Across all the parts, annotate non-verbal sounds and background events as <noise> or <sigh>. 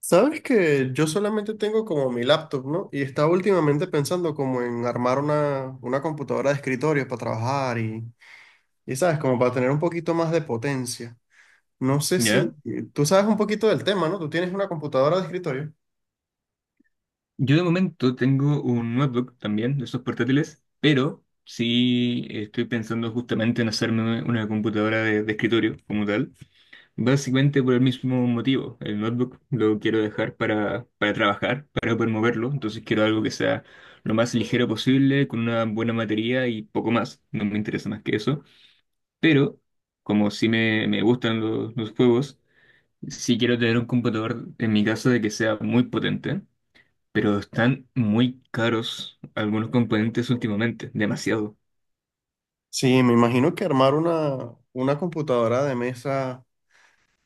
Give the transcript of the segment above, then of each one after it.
Sabes que yo solamente tengo como mi laptop, ¿no? Y estaba últimamente pensando como en armar una computadora de escritorio para trabajar ¿sabes? Como para tener un poquito más de potencia. No sé si ¿Ya? tú sabes un poquito del tema, ¿no? Tú tienes una computadora de escritorio. Yo de momento tengo un notebook también, de esos portátiles, pero sí estoy pensando justamente en hacerme una computadora de escritorio como tal. Básicamente por el mismo motivo. El notebook lo quiero dejar para trabajar, para poder moverlo. Entonces quiero algo que sea lo más ligero posible, con una buena batería y poco más. No me interesa más que eso. Pero como sí me gustan los juegos, sí quiero tener un computador en mi casa de que sea muy potente, pero están muy caros algunos componentes últimamente, demasiado. Sí, me imagino que armar una computadora de mesa,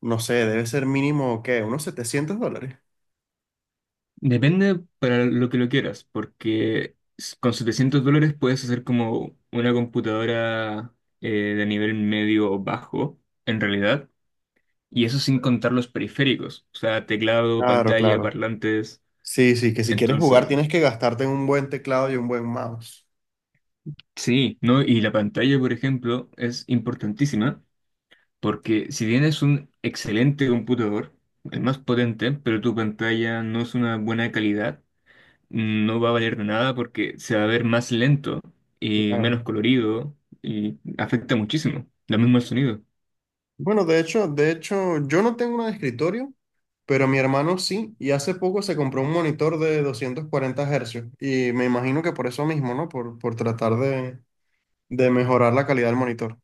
no sé, debe ser mínimo, ¿qué? Unos $700. Depende para lo que lo quieras, porque con $700 puedes hacer como una computadora de nivel medio o bajo, en realidad, y eso sin contar los periféricos, o sea, teclado, Claro, pantalla, claro. parlantes, Sí, sí, que si quieres jugar tienes entonces, que gastarte en un buen teclado y un buen mouse. sí, ¿no? Y la pantalla, por ejemplo, es importantísima. Porque si tienes un excelente computador, el más potente, pero tu pantalla no es una buena calidad, no va a valer de nada porque se va a ver más lento y Claro. menos colorido, y afecta muchísimo. Lo mismo el sonido. Bueno, yo no tengo una de escritorio, pero mi hermano sí, y hace poco se compró un monitor de 240 hercios, y me imagino que por eso mismo, ¿no? Por tratar de mejorar la calidad del monitor.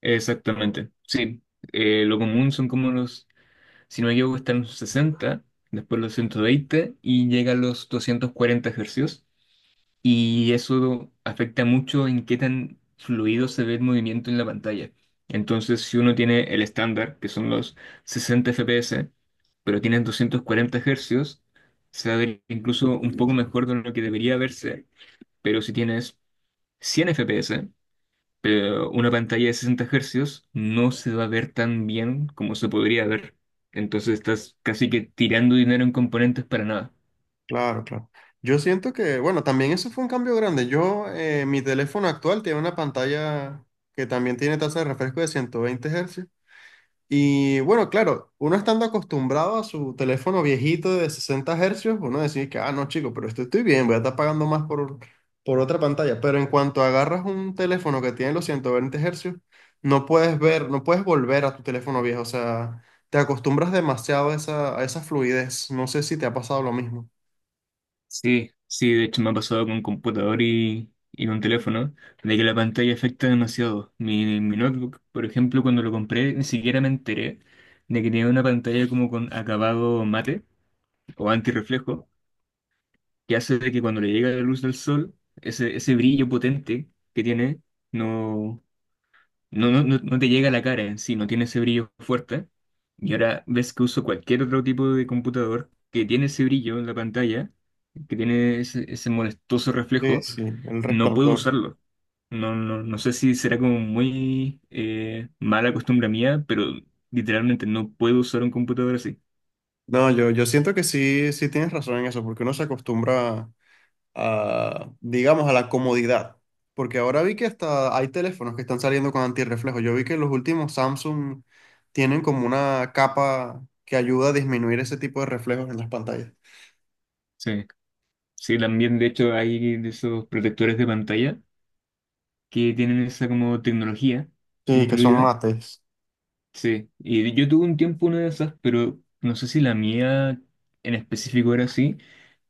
Exactamente. Sí. Lo común son como los, si no me equivoco, están los sesenta, después los 120 y llega a los 240 hercios. Y eso afecta mucho en qué tan fluido se ve el movimiento en la pantalla. Entonces, si uno tiene el estándar, que son los 60 FPS, pero tienen 240 hercios, se va a ver incluso un poco mejor de lo que debería verse, pero si tienes 100 FPS pero una pantalla de 60 hercios, no se va a ver tan bien como se podría ver. Entonces estás casi que tirando dinero en componentes para nada. Claro, claro. Yo siento que, bueno, también eso fue un cambio grande. Yo, mi teléfono actual tiene una pantalla que también tiene tasa de refresco de 120 hercios. Y bueno, claro, uno estando acostumbrado a su teléfono viejito de 60 hercios, uno decide que, ah, no, chico, pero esto estoy bien, voy a estar pagando más por otra pantalla. Pero en cuanto agarras un teléfono que tiene los 120 hercios, no puedes volver a tu teléfono viejo. O sea, te acostumbras demasiado a esa fluidez. No sé si te ha pasado lo mismo. Sí, sí, de hecho me ha pasado con computador y con teléfono, de que la pantalla afecta demasiado. Mi notebook, por ejemplo, cuando lo compré, ni siquiera me enteré de que tenía una pantalla como con acabado mate o antirreflejo, que hace de que cuando le llega la luz del sol, ese brillo potente que tiene, no, no, no, no, no te llega a la cara en sí, no tiene ese brillo fuerte. Y ahora ves que uso cualquier otro tipo de computador que tiene ese brillo en la pantalla, que tiene ese molestoso Sí, reflejo, sí, el no puedo resplandor. usarlo. No, no, no sé si será como muy mala costumbre mía, pero literalmente no puedo usar un computador así. No, yo siento que sí, sí tienes razón en eso, porque uno se acostumbra a, digamos, a la comodidad. Porque ahora vi que hasta hay teléfonos que están saliendo con antirreflejo. Yo vi que los últimos Samsung tienen como una capa que ayuda a disminuir ese tipo de reflejos en las pantallas. Sí. Sí, también de hecho hay de esos protectores de pantalla que tienen esa como tecnología Sí, que son incluida. mates. Sí, y yo tuve un tiempo una de esas, pero no sé si la mía en específico era así,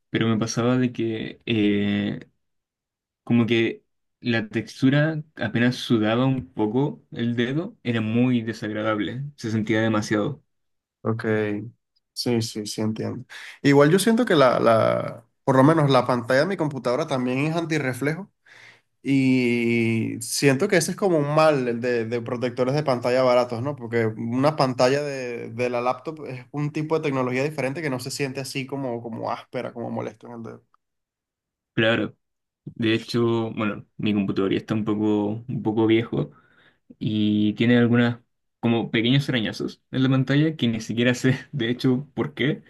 pero me pasaba de que como que la textura, apenas sudaba un poco el dedo, era muy desagradable, se sentía demasiado. Ok. Sí, sí, sí, entiendo. Igual yo siento que por lo menos la pantalla de mi computadora también es antirreflejo. Y siento que ese es como un mal el de protectores de pantalla baratos, ¿no? Porque una pantalla de la laptop es un tipo de tecnología diferente que no se siente así como, como áspera, como molesto en el dedo. Claro, de hecho, bueno, mi computador ya está un poco viejo y tiene algunas como pequeños arañazos en la pantalla que ni siquiera sé de hecho por qué.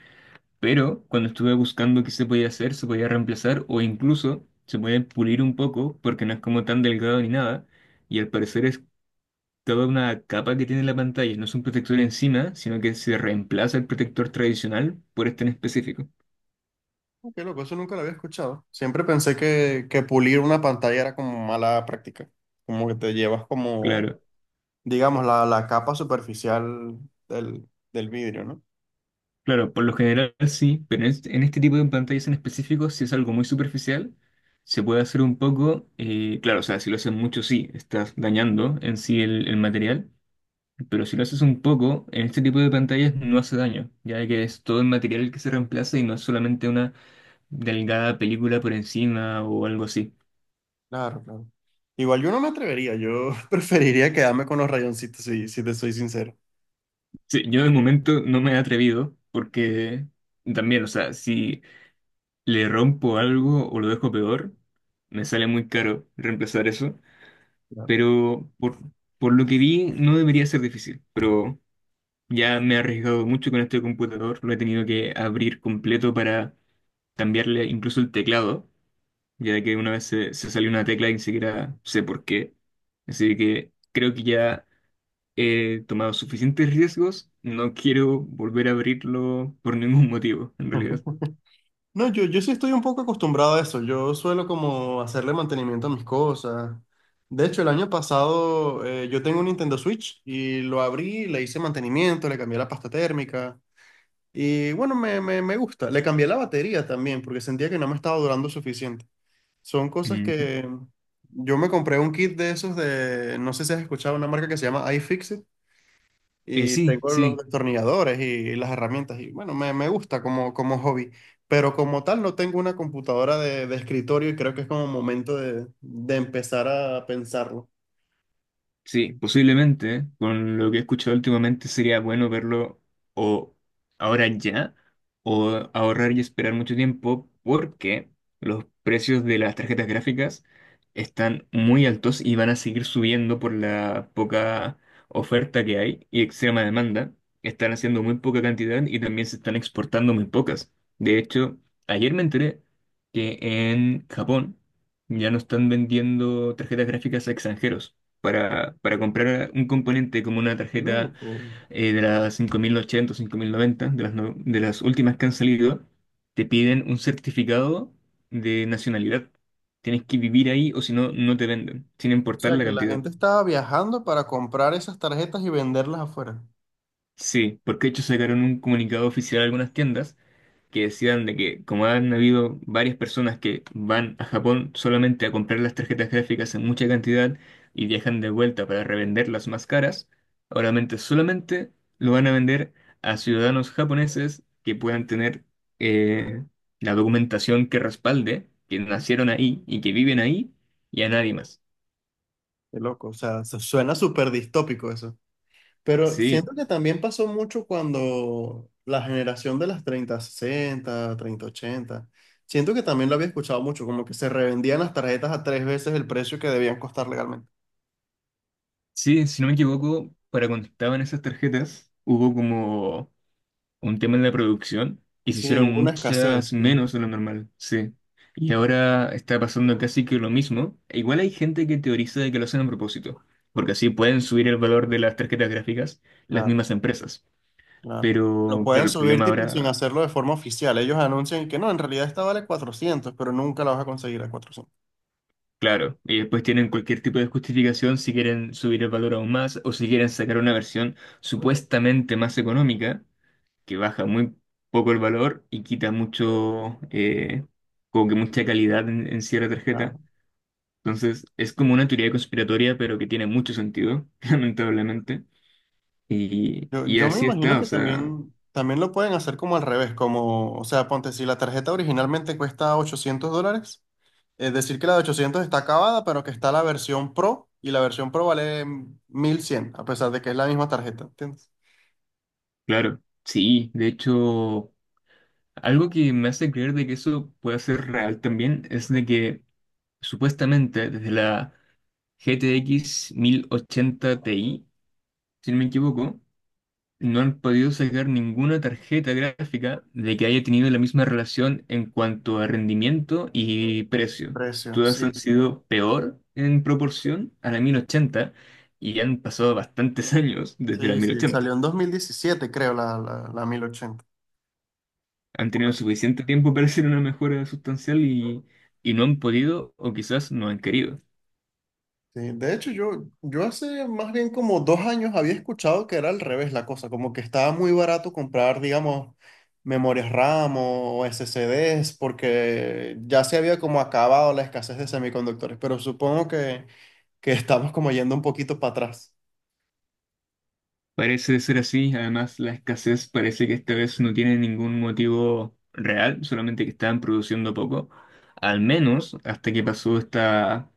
Pero cuando estuve buscando qué se podía hacer, se podía reemplazar o incluso se puede pulir un poco porque no es como tan delgado ni nada. Y al parecer es toda una capa que tiene la pantalla, no es un protector encima, sino que se reemplaza el protector tradicional por este en específico. Oh, qué loco, eso nunca lo había escuchado. Siempre pensé que pulir una pantalla era como mala práctica. Como que te llevas como, Claro, digamos, la capa superficial del vidrio, ¿no? claro, por lo general sí, pero en este tipo de pantallas en específico, si es algo muy superficial, se puede hacer un poco, claro, o sea, si lo hacen mucho sí, estás dañando en sí el material. Pero si lo haces un poco, en este tipo de pantallas no hace daño, ya que es todo el material que se reemplaza y no es solamente una delgada película por encima o algo así. Claro, claro. Igual yo no me atrevería, yo <laughs> preferiría quedarme con los rayoncitos, si te soy sincero. Sí, yo de momento no me he atrevido porque también, o sea, si le rompo algo o lo dejo peor, me sale muy caro reemplazar eso, pero por lo que vi no debería ser difícil, pero ya me he arriesgado mucho con este computador, lo he tenido que abrir completo para cambiarle incluso el teclado, ya que una vez se salió una tecla y ni siquiera sé por qué. Así que creo que ya he tomado suficientes riesgos, no quiero volver a abrirlo por ningún <laughs> motivo, en realidad. No, yo sí estoy un poco acostumbrado a eso. Yo suelo como hacerle mantenimiento a mis cosas. De hecho, el año pasado yo tengo un Nintendo Switch y lo abrí, le hice mantenimiento, le cambié la pasta térmica y bueno, me gusta. Le cambié la batería también porque sentía que no me estaba durando suficiente. Son cosas Mm. que yo me compré un kit de esos de, no sé si has escuchado una marca que se llama iFixit y Sí, tengo los sí. destornilladores y las herramientas y bueno, me gusta como, como hobby, pero como tal no tengo una computadora de escritorio y creo que es como momento de empezar a pensarlo. Sí, posiblemente, con lo que he escuchado últimamente, sería bueno verlo o ahora ya, o ahorrar y esperar mucho tiempo, porque los precios de las tarjetas gráficas están muy altos y van a seguir subiendo por la poca oferta que hay y extrema demanda. Están haciendo muy poca cantidad y también se están exportando muy pocas. De hecho, ayer me enteré que en Japón ya no están vendiendo tarjetas gráficas a extranjeros. Para, comprar un componente como una tarjeta Loco. De las 5080 o 5090, de las últimas que han salido, te piden un certificado de nacionalidad. Tienes que vivir ahí, o si no, no te venden, sin O importar sea, la que la cantidad. gente estaba viajando para comprar esas tarjetas y venderlas afuera. Sí, porque de hecho sacaron un comunicado oficial a algunas tiendas que decidan de que como han habido varias personas que van a Japón solamente a comprar las tarjetas gráficas en mucha cantidad y viajan de vuelta para revenderlas más caras, solamente lo van a vender a ciudadanos japoneses que puedan tener eh, la documentación que respalde que nacieron ahí y que viven ahí, y a nadie más. Qué loco, o sea, suena súper distópico eso. Pero Sí, siento que también pasó mucho cuando la generación de las 3060 3080 siento que también lo había escuchado mucho, como que se revendían las tarjetas a tres veces el precio que debían costar legalmente. sí, si no me equivoco, para cuando estaban esas tarjetas hubo como un tema en la producción y se Sí, hicieron hubo una muchas escasez, sí, menos de lo normal, sí. Y ahora está pasando casi que lo mismo. E igual hay gente que teoriza de que lo hacen a propósito, porque así pueden subir el valor de las tarjetas gráficas las claro, mismas empresas. claro. Lo Pero pueden claro, el subir problema tipo sin ahora, hacerlo de forma oficial. Ellos anuncian que no, en realidad esta vale 400 pero nunca la vas a conseguir a 400. claro, y después tienen cualquier tipo de justificación si quieren subir el valor aún más o si quieren sacar una versión supuestamente más económica, que baja muy poco el valor y quita mucho, como que mucha calidad en cierta Claro. tarjeta. Entonces, es como una teoría conspiratoria, pero que tiene mucho sentido, <laughs> lamentablemente. Y, Yo, y yo me así imagino está, o que sea, también, también lo pueden hacer como al revés, como, o sea, ponte, si la tarjeta originalmente cuesta $800. Es decir, que la de 800 está acabada, pero que está la versión Pro y la versión Pro vale 1100 a pesar de que es la misma tarjeta, ¿entiendes? claro, sí. De hecho, algo que me hace creer de que eso puede ser real también es de que supuestamente desde la GTX 80 Ti, si no me equivoco, no han podido sacar ninguna tarjeta gráfica de que haya tenido la misma relación en cuanto a rendimiento y precio. Precio, Todas sí, han sí. sido peor en proporción a la 1080, y han pasado bastantes <laughs> años desde la Sí, sí, 1080. salió en 2017, creo, la 1080. Han Por tenido ahí. suficiente tiempo para hacer una mejora sustancial y no han podido o quizás no han querido. Sí, de hecho, yo hace más bien como 2 años había escuchado que era al revés la cosa, como que estaba muy barato comprar, digamos, memorias RAM o SSDs, porque ya se había como acabado la escasez de semiconductores, pero supongo que estamos como yendo un poquito para atrás. Parece ser así, además la escasez parece que esta vez no tiene ningún motivo real, solamente que estaban produciendo poco, al menos hasta que pasó esta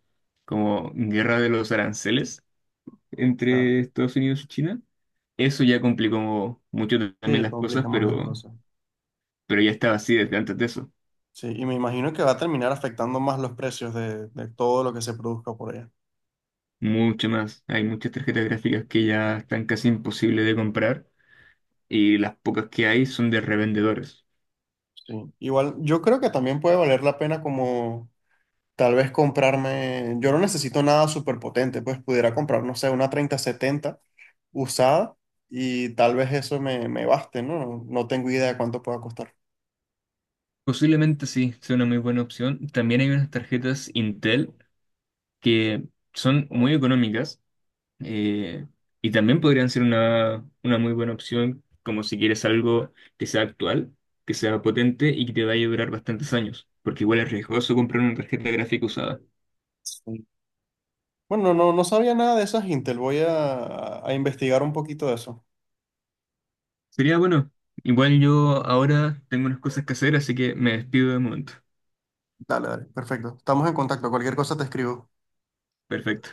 como guerra de los aranceles Claro. entre Estados Unidos y China. Eso ya complicó mucho también Sí, las cosas, complica más las pero, cosas. pero ya estaba así desde antes de eso, Sí, y me imagino que va a terminar afectando más los precios de todo lo que se produzca por allá. mucho más. Hay muchas tarjetas gráficas que ya están casi imposibles de comprar y las pocas que hay son de revendedores. Sí. Igual, yo creo que también puede valer la pena como tal vez comprarme, yo no necesito nada súper potente, pues pudiera comprar, no sé, una 3070 usada y tal vez eso me baste, ¿no? No tengo idea de cuánto pueda costar. Posiblemente sí, sea una muy buena opción. También hay unas tarjetas Intel que son muy económicas, eh, y también podrían ser una muy buena opción, como si quieres algo que sea actual, que sea potente y que te vaya a durar bastantes años, porque igual es riesgoso comprar una tarjeta gráfica usada. Sí. Bueno, no, no sabía nada de esas Intel, voy a investigar un poquito de eso. Sería bueno. Igual yo ahora tengo unas cosas que hacer, así que me despido de momento. Dale, dale, perfecto. Estamos en contacto, cualquier cosa te escribo. Perfecto.